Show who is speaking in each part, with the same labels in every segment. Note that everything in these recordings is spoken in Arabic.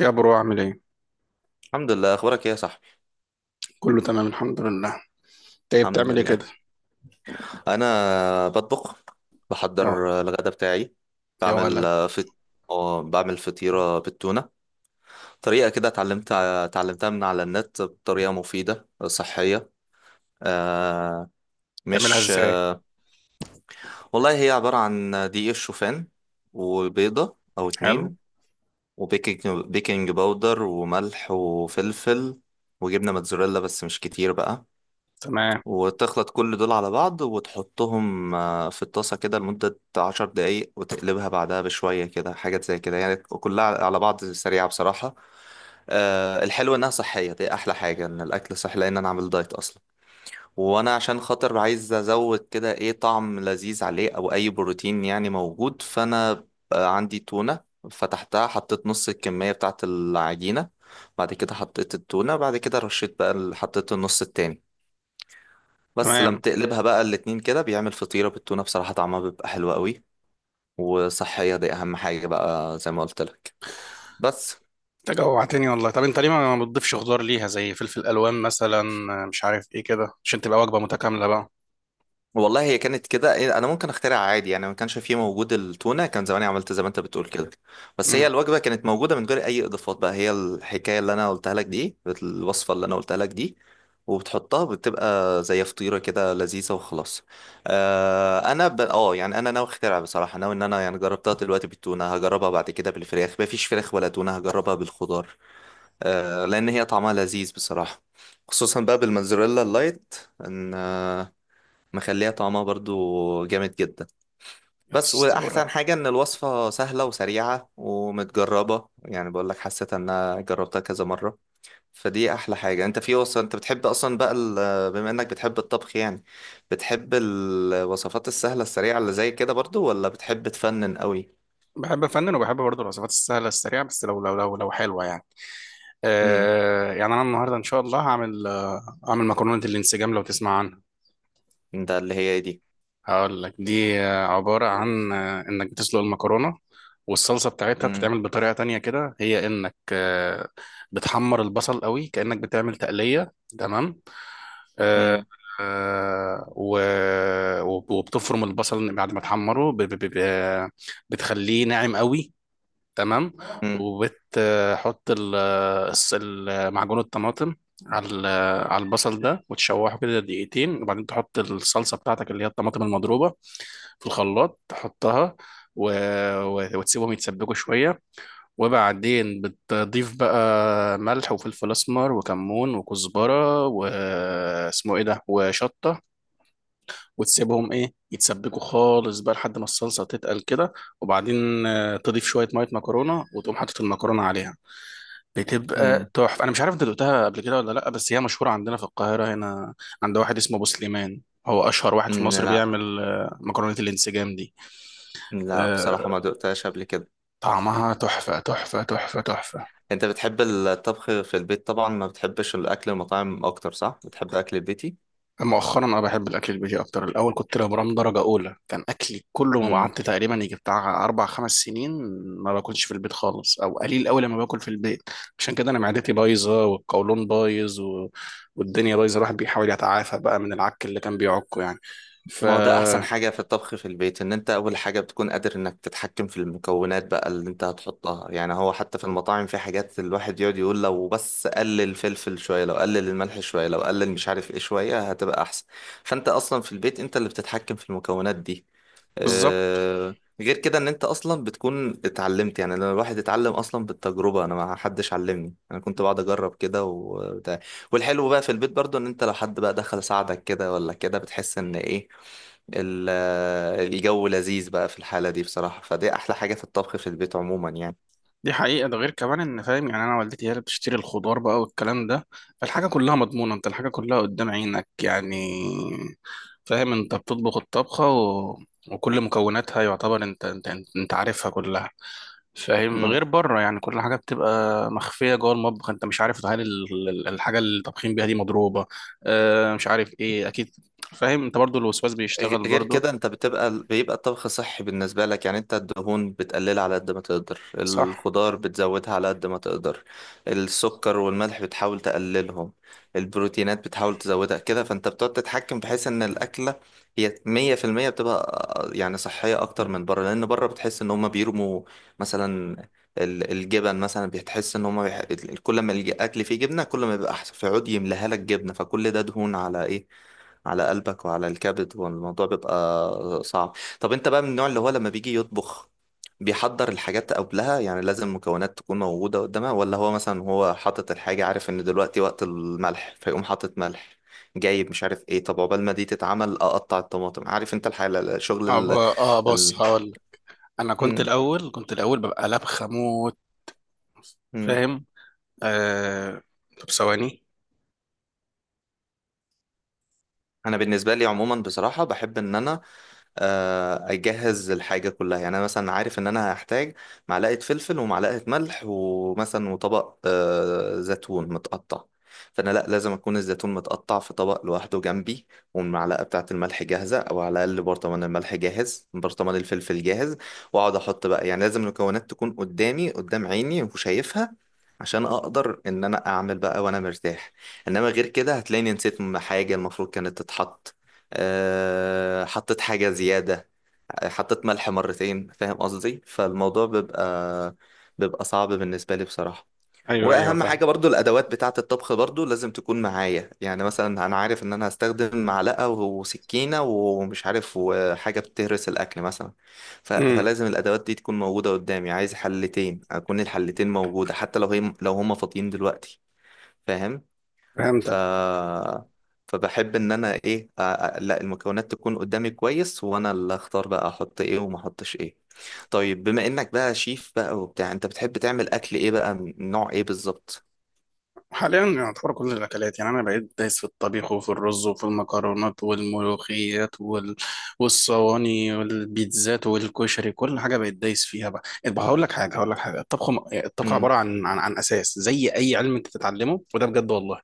Speaker 1: يا برو عامل ايه؟
Speaker 2: الحمد لله. اخبارك ايه يا صاحبي؟
Speaker 1: كله تمام الحمد لله. انت
Speaker 2: الحمد
Speaker 1: بتعمل ايه كده؟
Speaker 2: لله. انا بطبخ،
Speaker 1: يا
Speaker 2: بحضر الغداء بتاعي.
Speaker 1: يا
Speaker 2: بعمل
Speaker 1: ولد،
Speaker 2: فت... آه، بعمل فطيرة بالتونة. طريقة كده اتعلمتها من على النت، بطريقة مفيدة صحية. آه،
Speaker 1: تعملها
Speaker 2: مش
Speaker 1: ازاي؟
Speaker 2: والله هي عبارة عن دقيق الشوفان وبيضة او
Speaker 1: حلو.
Speaker 2: اتنين، وبيكنج بيكنج باودر وملح وفلفل وجبنة موتزاريلا، بس مش كتير بقى.
Speaker 1: تمام.
Speaker 2: وتخلط كل دول على بعض وتحطهم في الطاسة كده لمدة 10 دقايق، وتقلبها بعدها بشوية كده حاجات زي كده يعني، كلها على بعض سريعة بصراحة. الحلو إنها صحية، دي أحلى حاجة إن الأكل صحي، لأن أنا عامل دايت أصلا. وأنا عشان خاطر عايز أزود كده إيه، طعم لذيذ عليه أو أي بروتين يعني موجود. فأنا عندي تونة، فتحتها، حطيت نص الكمية بتاعت العجينة، بعد كده حطيت التونة، بعد كده رشيت بقى حطيت النص التاني. بس لما
Speaker 1: تمام.
Speaker 2: تقلبها بقى الاتنين كده بيعمل فطيرة بالتونة، بصراحة طعمها بيبقى حلو قوي. وصحية، دي أهم حاجة بقى زي ما قلت لك. بس،
Speaker 1: انت جوعتني والله. طب انت ليه ما بتضيفش خضار ليها زي فلفل الوان مثلا، مش عارف ايه كده، عشان تبقى وجبة متكاملة بقى.
Speaker 2: والله هي كانت كده انا ممكن اخترع عادي يعني، ما كانش فيه موجود التونه كان زماني عملت زي ما انت بتقول كده. بس هي
Speaker 1: امم
Speaker 2: الوجبه كانت موجوده من غير اي اضافات، بقى هي الحكايه اللي انا قلتها لك دي، الوصفه اللي انا قلتها لك دي. وبتحطها بتبقى زي فطيره كده لذيذه وخلاص. آه انا ب... اه يعني انا ناوي اخترع، بصراحه ناوي ان انا يعني جربتها دلوقتي بالتونه، هجربها بعد كده بالفراخ. ما فيش فراخ ولا تونه هجربها بالخضار. لان هي طعمها لذيذ بصراحه، خصوصا بقى بالموزاريلا اللايت، ان مخليها طعمها برضو جامد جدا.
Speaker 1: يا
Speaker 2: بس واحسن
Speaker 1: اسطوره،
Speaker 2: حاجة ان الوصفة سهلة وسريعة ومتجربة، يعني بقول لك حسيت ان انا جربتها كذا مرة. فدي احلى حاجة. انت في وصفة انت بتحب اصلا بقى بما انك بتحب الطبخ يعني، بتحب الوصفات السهلة السريعة اللي زي كده برضو، ولا بتحب تفنن قوي؟
Speaker 1: بحب افنن وبحب برضه الوصفات السهلة السريعة، بس لو لو حلوة يعني.
Speaker 2: امم.
Speaker 1: آه يعني انا النهارده ان شاء الله هعمل، هعمل مكرونة الانسجام لو تسمع عنها.
Speaker 2: ده اللي هي دي.
Speaker 1: هقول لك، دي عبارة عن إنك بتسلق المكرونة، والصلصة بتاعتها
Speaker 2: امم.
Speaker 1: بتتعمل بطريقة تانية كده، هي إنك بتحمر البصل قوي كأنك بتعمل تقلية. تمام. آه،
Speaker 2: امم.
Speaker 1: وبتفرم البصل بعد ما تحمره بتخليه ناعم قوي. تمام.
Speaker 2: امم.
Speaker 1: وبتحط معجون الطماطم على على البصل ده، وتشوحه كده دقيقتين، وبعدين تحط الصلصة بتاعتك اللي هي الطماطم المضروبة في الخلاط، تحطها و... و... وتسيبهم يتسبكوا شوية. وبعدين بتضيف بقى ملح وفلفل أسمر وكمون وكزبرة واسمه إيه ده وشطة، وتسيبهم إيه يتسبكوا خالص بقى لحد ما الصلصة تتقل كده. وبعدين تضيف شوية مية مكرونة وتقوم حاطط المكرونة عليها. بتبقى تحفة. أنا مش عارف أنت دقتها قبل كده ولا لأ، بس هي مشهورة عندنا في القاهرة هنا، عند واحد اسمه أبو سليمان. هو أشهر واحد في
Speaker 2: امم.
Speaker 1: مصر
Speaker 2: لا،
Speaker 1: بيعمل مكرونة الانسجام دي.
Speaker 2: لا بصراحة
Speaker 1: آه،
Speaker 2: ما دقتهاش قبل كده.
Speaker 1: طعمها تحفة تحفة.
Speaker 2: انت بتحب الطبخ في البيت طبعا، ما بتحبش الاكل المطاعم اكتر صح؟ بتحب اكل البيتي.
Speaker 1: مؤخرا أنا بحب الأكل البيتي أكتر. الأول كنت لبرام درجة أولى كان أكلي كله. ما
Speaker 2: امم.
Speaker 1: قعدت تقريبا يجي بتاع أربع خمس سنين ما باكلش في البيت خالص، أو قليل أوي لما باكل في البيت. عشان كده أنا معدتي بايظة والقولون بايظ و... والدنيا بايظة. الواحد بيحاول يتعافى بقى من العك اللي كان بيعكه يعني. ف،
Speaker 2: ما هو ده احسن حاجه في الطبخ في البيت، ان انت اول حاجه بتكون قادر انك تتحكم في المكونات بقى اللي انت هتحطها يعني. هو حتى في المطاعم في حاجات الواحد يقعد يقول لو بس قلل الفلفل شويه، لو قلل الملح شويه، لو قلل مش عارف ايه شويه، هتبقى احسن. فانت اصلا في البيت انت اللي بتتحكم في المكونات دي.
Speaker 1: بالظبط.
Speaker 2: آه، غير كده ان انت اصلا بتكون اتعلمت، يعني لما الواحد اتعلم اصلا بالتجربه، انا ما حدش علمني، انا كنت بقعد اجرب كده وبتاع. والحلو بقى في البيت برضو ان انت لو حد بقى دخل ساعدك كده ولا كده بتحس ان ايه، الجو لذيذ بقى في الحاله دي بصراحه. فدي احلى حاجه في الطبخ في البيت عموما يعني.
Speaker 1: دي حقيقة. ده غير كمان ان فاهم يعني، انا والدتي هي اللي بتشتري الخضار بقى والكلام ده، فالحاجة كلها مضمونة، انت الحاجة كلها قدام عينك يعني. فاهم، انت بتطبخ الطبخة و... وكل مكوناتها، يعتبر انت عارفها كلها. فاهم؟ غير بره يعني كل حاجة بتبقى مخفية جوه المطبخ، انت مش عارف هل الحاجة اللي طابخين بيها دي مضروبة، اه مش عارف ايه، اكيد. فاهم؟ انت برضو الوسواس
Speaker 2: غ-
Speaker 1: بيشتغل
Speaker 2: غير
Speaker 1: برضو.
Speaker 2: كده انت بيبقى الطبخ صحي بالنسبة لك، يعني انت الدهون بتقللها على قد ما تقدر،
Speaker 1: صح.
Speaker 2: الخضار بتزودها على قد ما تقدر، السكر والملح بتحاول تقللهم، البروتينات بتحاول تزودها كده. فانت بتقعد تتحكم بحيث ان الأكلة هي 100% بتبقى يعني صحية أكتر من بره. لأن بره بتحس إن هما بيرموا مثلا الجبن مثلا، بتحس إن هما كل ما الأكل فيه جبنة كل ما بيبقى أحسن، فيقعد يملاها لك جبنة، فكل ده دهون على إيه، على قلبك وعلى الكبد والموضوع بيبقى صعب. طب انت بقى من النوع اللي هو لما بيجي يطبخ بيحضر الحاجات قبلها، يعني لازم المكونات تكون موجودة قدامها، ولا هو مثلا هو حاطط الحاجة عارف ان دلوقتي وقت الملح فيقوم حاطط ملح، جايب مش عارف ايه، طب عقبال ما دي تتعمل اقطع الطماطم، عارف انت الحالة، الشغل
Speaker 1: اه بص،
Speaker 2: ال...
Speaker 1: هقول. انا كنت
Speaker 2: مم.
Speaker 1: الاول، كنت الاول، ببقى لبخه موت.
Speaker 2: مم.
Speaker 1: فاهم؟ آه... طب ثواني.
Speaker 2: انا بالنسبة لي عموما بصراحة بحب ان انا اجهز الحاجه كلها، يعني انا مثلا عارف ان انا هحتاج معلقه فلفل ومعلقه ملح ومثلا وطبق زيتون متقطع، فانا لا لازم اكون الزيتون متقطع في طبق لوحده جنبي، والمعلقه بتاعه الملح جاهزه، او على الاقل برطمان الملح جاهز برطمان الفلفل جاهز، واقعد احط بقى. يعني لازم المكونات تكون قدامي قدام عيني وشايفها، عشان اقدر ان انا اعمل بقى وانا مرتاح. انما غير كده هتلاقيني نسيت حاجه المفروض كانت تتحط، حطيت حاجة زيادة، حطيت ملح مرتين، فاهم قصدي. فالموضوع بيبقى صعب بالنسبة لي بصراحة.
Speaker 1: ايوه ايوه،
Speaker 2: وأهم
Speaker 1: فاهم.
Speaker 2: حاجة برضو الأدوات بتاعة الطبخ برضو لازم تكون معايا، يعني مثلا أنا عارف إن أنا هستخدم معلقة وسكينة ومش عارف وحاجة بتهرس الأكل مثلا.
Speaker 1: امم
Speaker 2: فلازم الأدوات دي تكون موجودة قدامي، عايز حلتين أكون الحلتين موجودة حتى لو هي لو هما فاضيين دلوقتي. فاهم. ف
Speaker 1: فهمتك.
Speaker 2: فبحب ان انا ايه لا، المكونات تكون قدامي كويس وانا اللي اختار بقى احط ايه وما احطش ايه. طيب بما انك بقى شيف بقى وبتاع، انت بتحب تعمل اكل ايه بقى، من نوع ايه بالظبط؟
Speaker 1: حاليا يعتبر كل الاكلات يعني، انا بقيت دايس في الطبيخ وفي الرز وفي المكرونات والملوخيات وال... والصواني والبيتزات والكشري، كل حاجه بقيت دايس فيها بقى. طب هقول لك حاجه، هقول لك حاجه، الطبخ الطبخ
Speaker 2: امم.
Speaker 1: عباره عن عن اساس زي اي علم انت تتعلمه، وده بجد والله.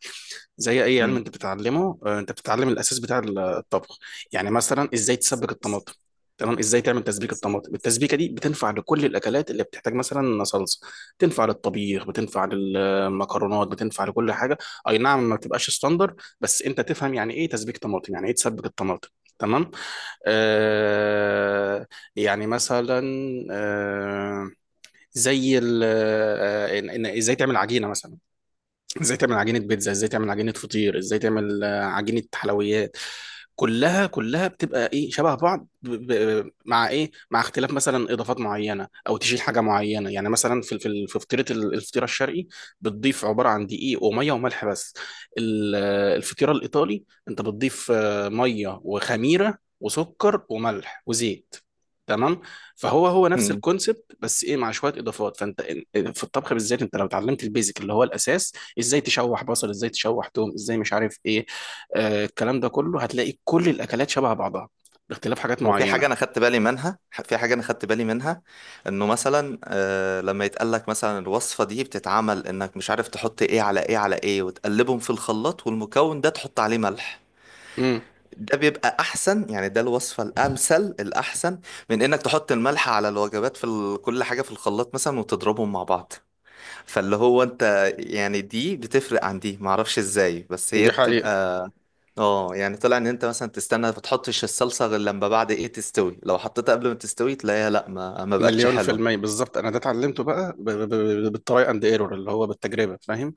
Speaker 1: زي اي علم
Speaker 2: امم.
Speaker 1: انت بتتعلمه، انت بتتعلم الاساس بتاع الطبخ. يعني مثلا ازاي تسبك الطماطم. تمام؟ ازاي تعمل تسبيك الطماطم. التسبيكه دي بتنفع لكل الاكلات اللي بتحتاج مثلا صلصه، بتنفع للطبيخ بتنفع للمكرونات بتنفع لكل حاجه. اي نعم، ما بتبقاش ستاندر، بس انت تفهم يعني ايه تسبيك طماطم، يعني ايه تسبك الطماطم. تمام؟ آه، يعني مثلا، آه، زي ازاي تعمل عجينه مثلا. ازاي تعمل عجينة بيتزا، ازاي تعمل عجينة فطير، ازاي تعمل عجينة حلويات. كلها بتبقى ايه، شبه بعض مع ايه، مع اختلاف مثلا اضافات معينة او تشيل حاجة معينة. يعني مثلا في في فطيرة الفطيرة الشرقي، بتضيف عبارة عن دقيق ومية وملح بس. الفطيرة الايطالي انت بتضيف مية وخميرة وسكر وملح وزيت. تمام؟ فهو، هو نفس
Speaker 2: امم.
Speaker 1: الكونسبت، بس ايه، مع شويه اضافات. فانت في الطبخ بالذات، انت لو اتعلمت البيزك اللي هو الاساس، ازاي تشوح بصل، ازاي تشوح توم، ازاي مش عارف ايه، آه الكلام ده كله، هتلاقي كل الاكلات شبه بعضها باختلاف حاجات
Speaker 2: وفي حاجة أنا
Speaker 1: معينه.
Speaker 2: خدت بالي منها، في حاجة أنا خدت بالي منها، إنه مثلا آه لما يتقالك مثلا الوصفة دي بتتعمل إنك مش عارف تحط إيه على إيه على إيه وتقلبهم في الخلاط، والمكون ده تحط عليه ملح،
Speaker 1: امم
Speaker 2: ده بيبقى احسن يعني، ده الوصفه الامثل الاحسن من انك تحط الملح على الوجبات في كل حاجه في الخلاط مثلا وتضربهم مع بعض. فاللي هو انت يعني دي بتفرق عن دي معرفش ازاي، بس هي
Speaker 1: دي حقيقة.
Speaker 2: بتبقى. اه يعني طلع ان انت مثلا تستنى ما تحطش الصلصه غير لما بعد ايه تستوي، لو حطيتها قبل ما تستوي تلاقيها لا ما بقتش
Speaker 1: مليون في
Speaker 2: حلوه.
Speaker 1: المية، بالظبط. أنا ده اتعلمته بقى بالتراي أند ايرور، اللي هو بالتجربة. فاهم؟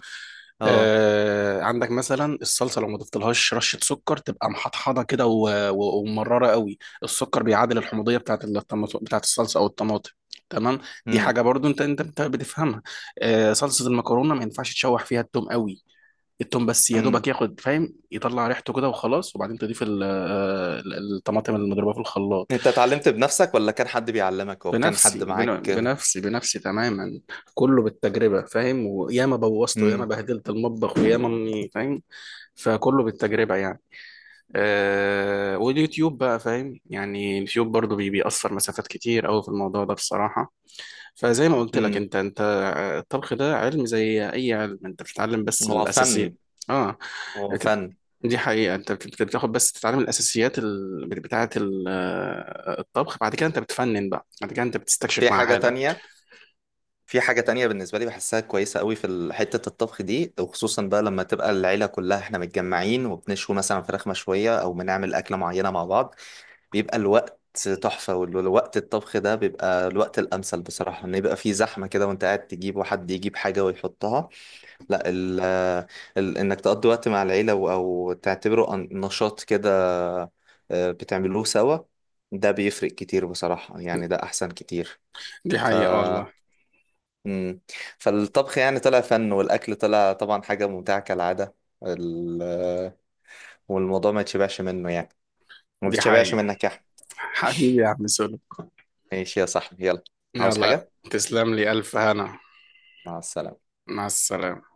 Speaker 2: اه.
Speaker 1: آه، عندك مثلا الصلصة لو ما ضفتلهاش رشة سكر تبقى محطحضة كده ومررة قوي. السكر بيعادل الحموضية بتاعت الطماط، بتاعت الصلصة أو الطماطم. تمام؟ دي
Speaker 2: امم.
Speaker 1: حاجة برضو أنت بتفهمها. آه، صلصة المكرونة ما ينفعش تشوح فيها التوم قوي. التوم بس يا
Speaker 2: امم.
Speaker 1: دوبك ياخد، فاهم، يطلع ريحته كده وخلاص، وبعدين تضيف الطماطم المضروبه في الخلاط.
Speaker 2: انت اتعلمت بنفسك ولا كان حد بيعلمك او كان حد معاك؟
Speaker 1: بنفسي، تماما. كله بالتجربه، فاهم؟ وياما بوظته، ياما
Speaker 2: امم.
Speaker 1: بهدلت المطبخ، وياما اني فاهم. فكله بالتجربه يعني. آه، واليوتيوب بقى، فاهم يعني، اليوتيوب برضو بيأثر مسافات كتير قوي في الموضوع ده بصراحه. فزي ما قلت لك،
Speaker 2: امم.
Speaker 1: انت الطبخ ده علم زي اي علم انت بتتعلم بس
Speaker 2: هو
Speaker 1: الاساسيات.
Speaker 2: فن.
Speaker 1: اه.
Speaker 2: هو
Speaker 1: بت-
Speaker 2: فن.
Speaker 1: دي حقيقة. انت بتاخد بس تتعلم الاساسيات بتاعة ال... آه، الطبخ، بعد كده انت بتفنن بقى، بعد كده انت
Speaker 2: في
Speaker 1: بتستكشف مع
Speaker 2: حاجه
Speaker 1: حالك.
Speaker 2: تانية، في حاجة تانية بالنسبة لي بحسها كويسة قوي في حتة الطبخ دي، وخصوصا بقى لما تبقى العيلة كلها احنا متجمعين وبنشوي مثلا فراخ مشوية أو بنعمل أكلة معينة مع بعض، بيبقى الوقت تحفة. والوقت الطبخ ده بيبقى الوقت الأمثل بصراحة، إن يبقى في زحمة كده وأنت قاعد تجيب وحد يجيب حاجة ويحطها، لا. ال ال إنك تقضي وقت مع العيلة أو تعتبره نشاط كده بتعملوه سوا، ده بيفرق كتير بصراحة يعني، ده أحسن كتير.
Speaker 1: دي
Speaker 2: ف
Speaker 1: حقيقة والله.
Speaker 2: مم. فالطبخ يعني طلع فن، والأكل طلع طبعا حاجة ممتعة كالعادة. ال- والموضوع ما يتشبعش منه يعني، ما
Speaker 1: دي
Speaker 2: تتشبعش
Speaker 1: حقيقة.
Speaker 2: منك يا أحمد.
Speaker 1: حبيبي يا عم سولو.
Speaker 2: ماشي يا صاحبي، يلا. عاوز
Speaker 1: يلا
Speaker 2: حاجة؟
Speaker 1: تسلم لي الف هنا.
Speaker 2: مع السلامة.
Speaker 1: مع السلامة.